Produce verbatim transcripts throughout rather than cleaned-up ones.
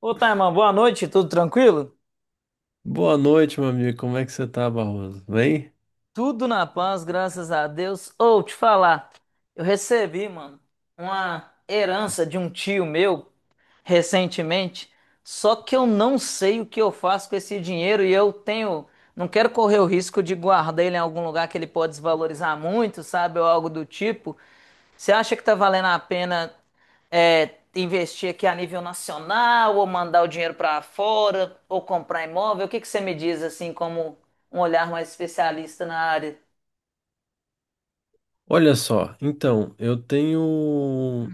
Ô, Taiman, boa noite, tudo tranquilo? Boa noite, meu amigo. Como é que você tá, Barroso? Bem? Tudo na paz, graças a Deus. Ou te falar, eu recebi, mano, uma herança de um tio meu recentemente, só que eu não sei o que eu faço com esse dinheiro e eu tenho, não quero correr o risco de guardar ele em algum lugar que ele pode desvalorizar muito, sabe, ou algo do tipo. Você acha que tá valendo a pena é, investir aqui a nível nacional, ou mandar o dinheiro para fora, ou comprar imóvel? O que que você me diz assim, como um olhar mais especialista na área? Olha só, então, eu tenho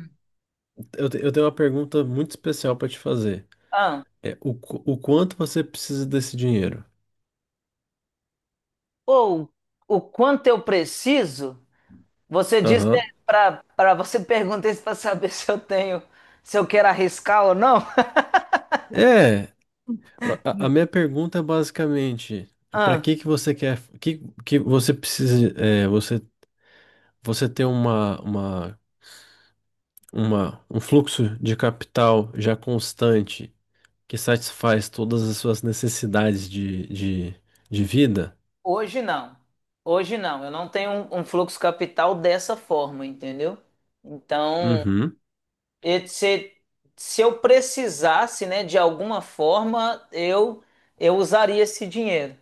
eu, te- eu tenho uma pergunta muito especial para te fazer. Ah, É o, qu- o quanto você precisa desse dinheiro? ou o quanto eu preciso? Você disse Aham. para para você perguntar isso para saber se eu tenho, se eu quero arriscar ou não? É, a, a minha pergunta é basicamente, para Ah, que que você quer que, que você precisa é, você você ter uma, uma uma um fluxo de capital já constante que satisfaz todas as suas necessidades de, de, de vida. hoje não. Hoje não. Eu não tenho um, um fluxo capital dessa forma, entendeu? Então Uhum. e se, se eu precisasse, né, de alguma forma, eu eu usaria esse dinheiro.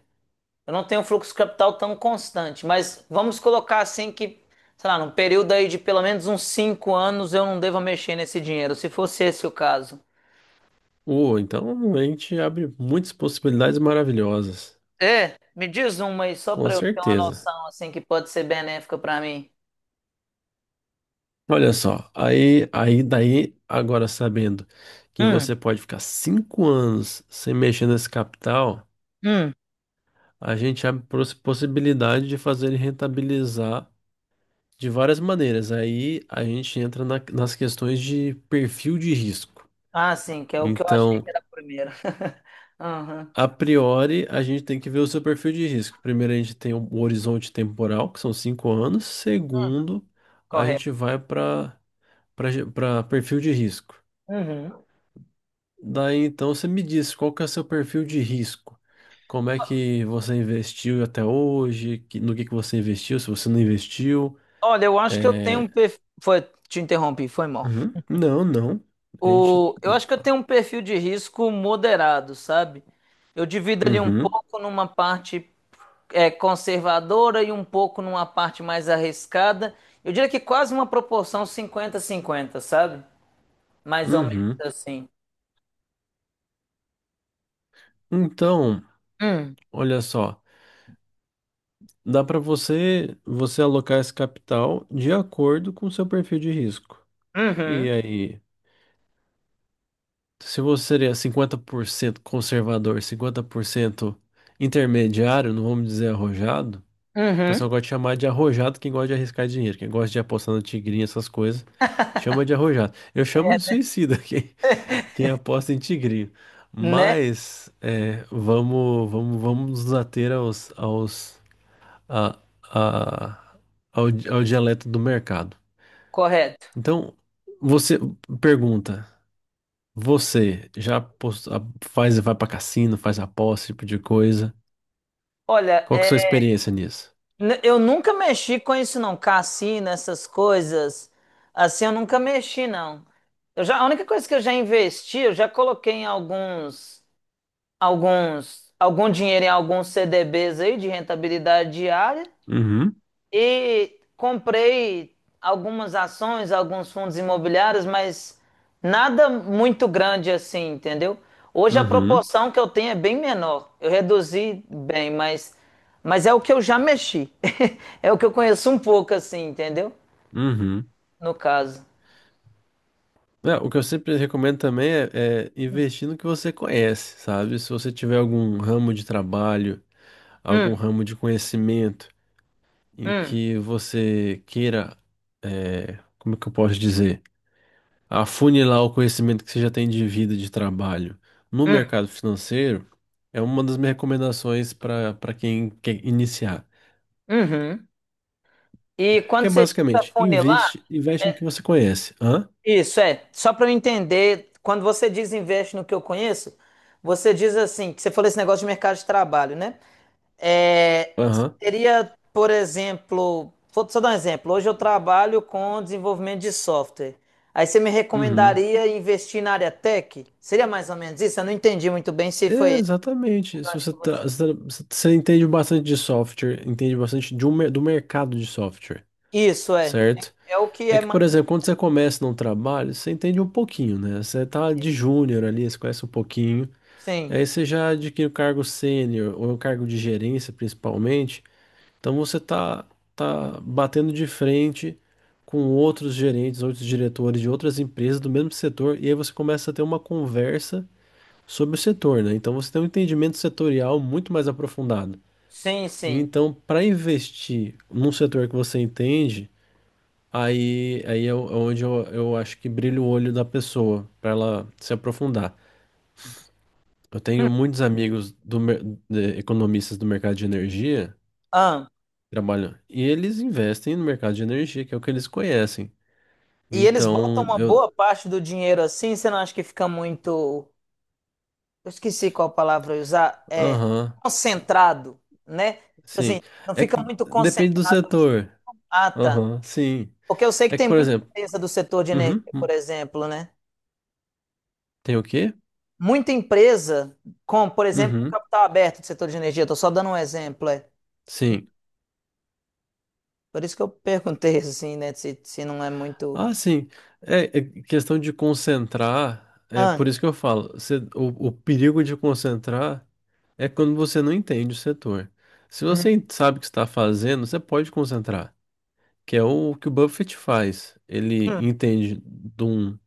Eu não tenho um fluxo de capital tão constante, mas vamos colocar assim que, sei lá, num período aí de pelo menos uns cinco anos eu não devo mexer nesse dinheiro, se fosse esse o caso. Oh, então a gente abre muitas possibilidades maravilhosas, É, me diz uma aí, só com para eu ter uma certeza. noção, assim, que pode ser benéfica para mim. Olha só, aí, aí daí, agora sabendo que Hum, você pode ficar cinco anos sem mexer nesse capital, hum. a gente abre pros- possibilidade de fazer ele rentabilizar de várias maneiras. Aí a gente entra na- nas questões de perfil de risco. Ah, sim, que é o que eu achei Então, que era a primeira. Aham, a priori, a gente tem que ver o seu perfil de risco. Primeiro, a gente tem o horizonte temporal, que são cinco anos. Segundo, a correto. gente vai para para perfil de risco. Uhum. Daí, então, você me diz qual que é o seu perfil de risco. Como é que você investiu até hoje? que- no que que você investiu? Se você não investiu, Olha, eu acho que eu tenho um é... perfil. Foi, te interrompi, foi mal. Uhum. Não, não. A gente... O... Eu acho que eu tenho um perfil de risco moderado, sabe? Eu divido ali um Uhum, pouco numa parte é, conservadora e um pouco numa parte mais arriscada. Eu diria que quase uma proporção 50 cinquenta, sabe? Mais ou menos uhum. assim. Então, Hum. olha só. Dá para você você alocar esse capital de acordo com o seu perfil de risco. E Uhum. aí, se você seria cinquenta por cento conservador, cinquenta por cento intermediário, não vamos dizer arrojado, o pessoal Uhum. gosta de chamar de arrojado quem gosta de arriscar dinheiro, quem gosta de apostar na tigrinha, essas coisas, chama de arrojado. Eu chamo É, de né? suicida quem, quem aposta em tigrinho. Né? Mas é, vamos, vamos, vamos nos ater aos, aos a, a, ao, ao dialeto do mercado. Correto. Então, você pergunta, você já pos- a- faz, vai para cassino, faz aposta, esse tipo de coisa. Olha, Qual que é a é, sua experiência nisso? N- Eu nunca mexi com isso, não. Cassino, essas coisas. Assim, eu nunca mexi, não. Eu já, a única coisa que eu já investi, eu já coloquei em alguns, alguns, algum dinheiro em alguns C D Bs aí de rentabilidade diária. Uhum, E comprei algumas ações, alguns fundos imobiliários, mas nada muito grande assim, entendeu? Hoje a uhum, proporção que eu tenho é bem menor. Eu reduzi bem, mas, mas é o que eu já mexi. É o que eu conheço um pouco assim, entendeu? uhum. No caso. É, o que eu sempre recomendo também é, é investir no que você conhece, sabe? Se você tiver algum ramo de trabalho, algum Hum, ramo de conhecimento, em hum, que você queira, é, como é que eu posso dizer, afunilar o conhecimento que você já tem de vida, e de trabalho no hum, mercado financeiro, é uma das minhas recomendações para para quem quer iniciar. uhum. E Que quando é você tira a basicamente, funilar, investe, investe no é, que você conhece. Hã? isso é, só para eu entender, quando você diz investe no que eu conheço, você diz assim, que você falou esse negócio de mercado de trabalho, né? É, Aham. seria, por exemplo, vou só dar um exemplo. Hoje eu trabalho com desenvolvimento de software. Aí você me Uhum. recomendaria investir na área tech? Seria mais ou menos isso? Eu não entendi muito bem se foi É, esse o Exatamente. Se gancho você, que você tá- usou. se você entende bastante de software, entende bastante de um mer- do mercado de software, Isso é, certo? é o que É é que, por mais exemplo, quando você começa num trabalho, você entende um pouquinho, né? Você tá de recente. júnior ali, você conhece um pouquinho. Sim, Aí você já adquire o cargo sênior ou o cargo de gerência, principalmente. Então você tá, tá batendo de frente com outros gerentes, outros diretores de outras empresas do mesmo setor, e aí você começa a ter uma conversa sobre o setor, né? Então você tem um entendimento setorial muito mais aprofundado. sim, E sim. então, para investir num setor que você entende, Aí, aí é o- é onde eu, eu acho que brilha o olho da pessoa, para ela se aprofundar. Eu Hum. tenho muitos amigos do, mer- de- economistas do mercado de energia Ah. que trabalham, e eles investem no mercado de energia, que é o que eles conhecem. E eles botam Então, uma eu. boa parte do dinheiro assim, você não acha que fica muito. Eu esqueci qual palavra eu ia usar. É Aham, sim, concentrado, né? Tipo assim, sim. não É que fica muito depende do concentrado, assim. setor. Ah, tá. Aham, sim. Porque eu sei que É que, tem por muita exemplo, empresa do setor de energia, uhum, por hum, exemplo, né? tem o quê? Muita empresa com, por exemplo, um Uhum, capital aberto do setor de energia. Estou só dando um exemplo, é. sim. Por isso que eu perguntei assim, né? Se, se não é muito. Ah, sim. É, é questão de concentrar. É Ah, por isso que eu falo. você- o, o perigo de concentrar é quando você não entende o setor. Se hum, você sabe o que está fazendo, você pode concentrar, que é o que o Buffett faz. Ele hum, entende de um,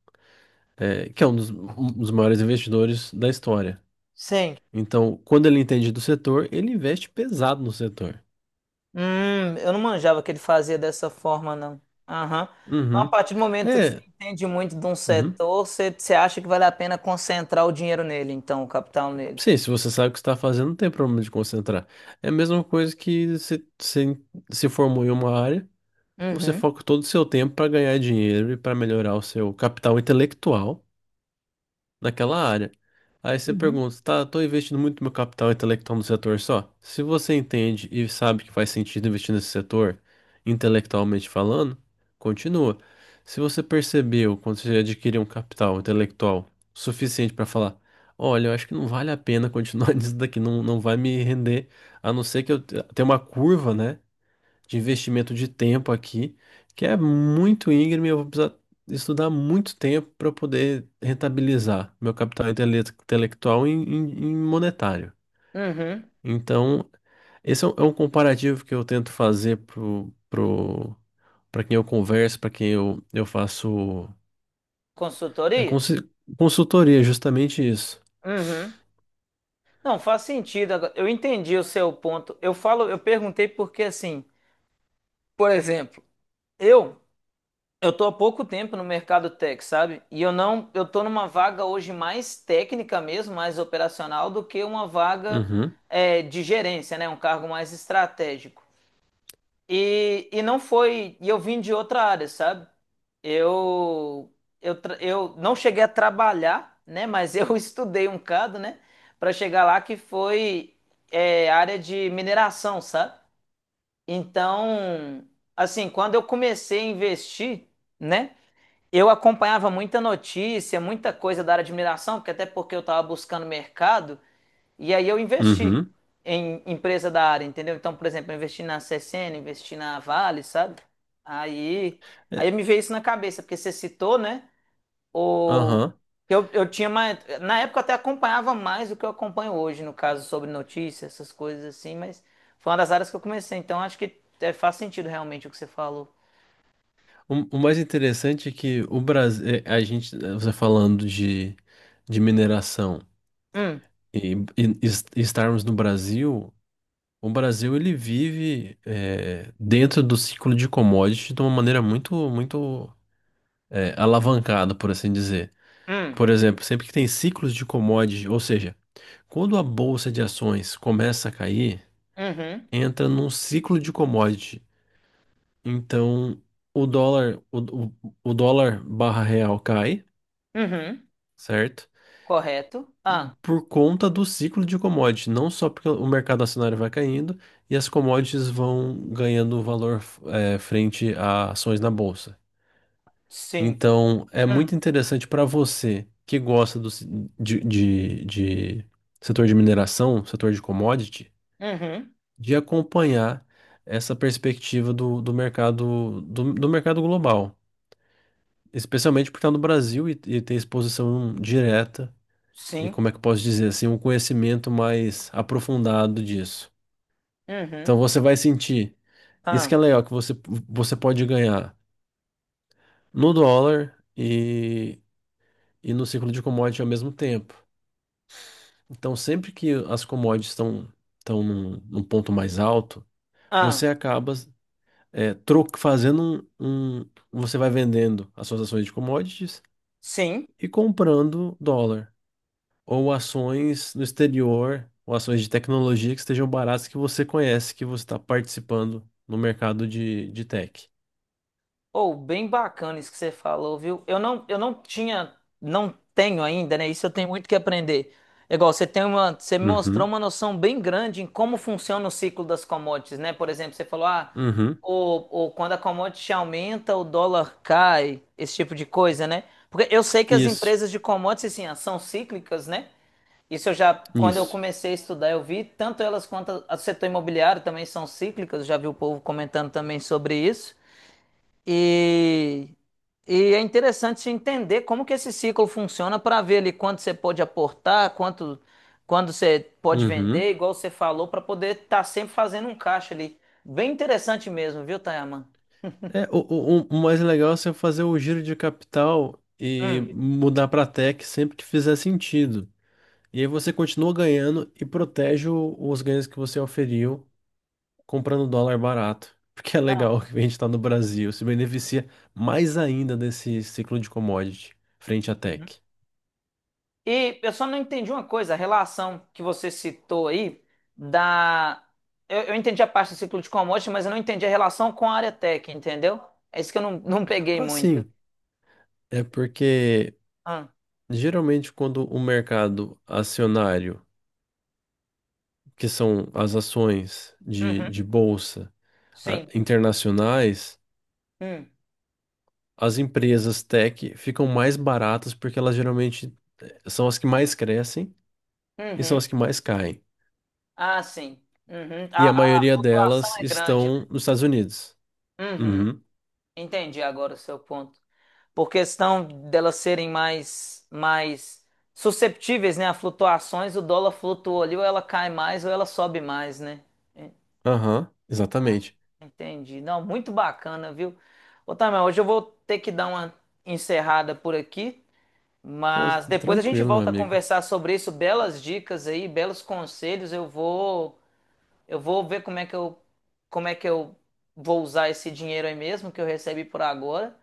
é, que é um dos, um dos maiores investidores da história. sim. Então, quando ele entende do setor, ele investe pesado no setor. Hum, eu não manjava que ele fazia dessa forma, não. Aham. Então, a Uhum. partir do momento que você É. entende muito de um Uhum. setor, você, você acha que vale a pena concentrar o dinheiro nele, então, o capital nele. Sim, se você sabe o que está fazendo, não tem problema de concentrar. É a mesma coisa que se se, se formou em uma área, você Uhum. foca todo o seu tempo para ganhar dinheiro e para melhorar o seu capital intelectual naquela área. Aí você Uhum. pergunta, tá, eu tô investindo muito meu capital intelectual no setor só? Se você entende e sabe que faz sentido investir nesse setor, intelectualmente falando, continua. Se você percebeu, quando você adquiriu um capital intelectual suficiente para falar, olha, eu acho que não vale a pena continuar nisso daqui, não, não vai me render, a não ser que eu te- tenha uma curva, né? De investimento de tempo aqui, que é muito íngreme, eu vou precisar estudar muito tempo para poder rentabilizar meu capital intele- intelectual em, em- em monetário. Uhum. Então, esse é um, é um comparativo que eu tento fazer pro, pro, para quem eu converso, para quem eu, eu faço é, Consultoria? consi- consultoria, justamente isso. Uhum. Não, faz sentido agora. Eu entendi o seu ponto. Eu falo, eu perguntei porque assim, por exemplo, eu Eu tô há pouco tempo no mercado tech, sabe? E eu não, eu tô numa vaga hoje mais técnica mesmo, mais operacional do que uma vaga Uhum, é, de gerência, né? Um cargo mais estratégico. E, e não foi, e eu vim de outra área, sabe? Eu, eu, tra- eu não cheguei a trabalhar, né? Mas eu estudei um bocado, né? Para chegar lá que foi é, área de mineração, sabe? Então, assim, quando eu comecei a investir, né? Eu acompanhava muita notícia, muita coisa da área de mineração, porque até porque eu estava buscando mercado, e aí eu investi uhum. em empresa da área, entendeu? Então, por exemplo, eu investi na C S N, investi na Vale, sabe? Aí, É, aí me veio isso na cabeça, porque você citou, né? O, aham. eu, eu tinha mais. Na época eu até acompanhava mais do que eu acompanho hoje, no caso, sobre notícias, essas coisas assim, mas foi uma das áreas que eu comecei, então acho que é, faz sentido realmente o que você falou. O, o mais interessante é que o Brasil, a gente, você falando de, de mineração, Hum, E, e- e estarmos no Brasil, o Brasil ele vive eh, dentro do ciclo de commodity de uma maneira muito, muito eh, alavancada, por assim dizer. hum, Por exemplo, sempre que tem ciclos de commodity, ou seja, quando a bolsa de ações começa a cair, uhum, entra num ciclo de commodity. Então, o dólar, o, o, o dólar barra real cai, uhum. certo? Correto? Ah, Por conta do ciclo de commodity, não só porque o mercado acionário vai caindo e as commodities vão ganhando valor eh, frente a ações na bolsa. sim. Então, é muito Hum. interessante para você que gosta do, ci- de, de, de setor de mineração, setor de commodity, Uhum. de acompanhar essa perspectiva do, do mercado do, do mercado global, especialmente por estar no Brasil e, e ter exposição direta e Sim. como é que eu posso dizer assim, um conhecimento mais aprofundado disso. Uhum. Então você vai sentir, isso que Ah, é legal, que você, você pode ganhar no dólar e, e no ciclo de commodity ao mesmo tempo. Então sempre que as commodities estão estão num, num ponto mais alto, você ah, acaba é, tro- fazendo um, um- você vai vendendo as suas ações de commodities sim. e comprando dólar. Ou ações no exterior, ou ações de tecnologia que estejam baratas que você conhece, que você está participando no mercado de, de tech. Ou bem bacana isso que você falou, viu? Eu não, eu não tinha, não tenho ainda, né? Isso eu tenho muito que aprender. É igual você tem uma, você me mostrou Uhum, uma noção bem grande em como funciona o ciclo das commodities, né? Por exemplo, você falou, ah, uhum. ou, ou quando a commodity aumenta, o dólar cai, esse tipo de coisa, né? Porque eu sei que as Isso, empresas de commodities, assim, ah, são cíclicas, né? Isso eu já, quando eu isso. comecei a estudar, eu vi tanto elas quanto a- o setor imobiliário também são cíclicas, já vi o povo comentando também sobre isso. E, e é interessante entender como que esse ciclo funciona para ver ali quanto você pode aportar, quanto quando você pode vender, Uhum. igual você falou, para poder estar sempre fazendo um caixa ali. Bem interessante mesmo, viu, Tayaman? É, o, o, o o mais legal é você fazer o giro de capital e mudar para tech sempre que fizer sentido. E aí você continua ganhando e protege o- os ganhos que você oferiu comprando dólar barato, porque é legal que a gente está no Brasil, se beneficia mais ainda desse ciclo de commodity frente à Hum. tech. E eu só não entendi uma coisa, a relação que você citou aí da. Eu, eu entendi a parte do ciclo de commodities, mas eu não entendi a relação com a área tech, entendeu? É isso que eu não, não peguei muito. Assim, é porque Ah, geralmente quando o mercado acionário, que são as ações de, uhum, de bolsa ah, sim. internacionais, Hum, as empresas tech ficam mais baratas porque elas geralmente eh, são as que mais crescem e são uhum. as que mais caem. Ah, sim. Uhum. E A, a a maioria flutuação delas é grande, né? estão nos Estados Unidos. Uhum. Uhum. Entendi agora o seu ponto. Por questão delas serem mais, mais susceptíveis, né, a flutuações, o dólar flutua ali, ou ela cai mais, ou ela sobe mais, né? Aham, exatamente. Entendi. Não, muito bacana, viu? Ô, Tamel, hoje eu vou ter que dar uma encerrada por aqui, Com- mas depois a gente Tranquilo, meu volta a amigo. conversar sobre isso, belas dicas aí, belos conselhos. Eu vou, eu vou ver como é que eu, como é que eu vou usar esse dinheiro aí mesmo que eu recebi por agora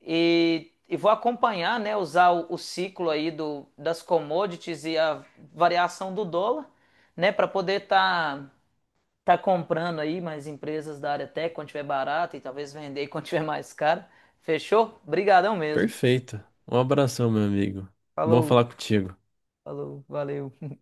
e, e vou acompanhar, né, usar o, o ciclo aí do, das commodities e a variação do dólar, né, para poder estar tá comprando aí mais empresas da área tech quando tiver barato e talvez vender quando tiver mais caro. Fechou? Brigadão mesmo. Perfeito. Um abração, meu amigo. Bom Falou, falar contigo. falou, valeu.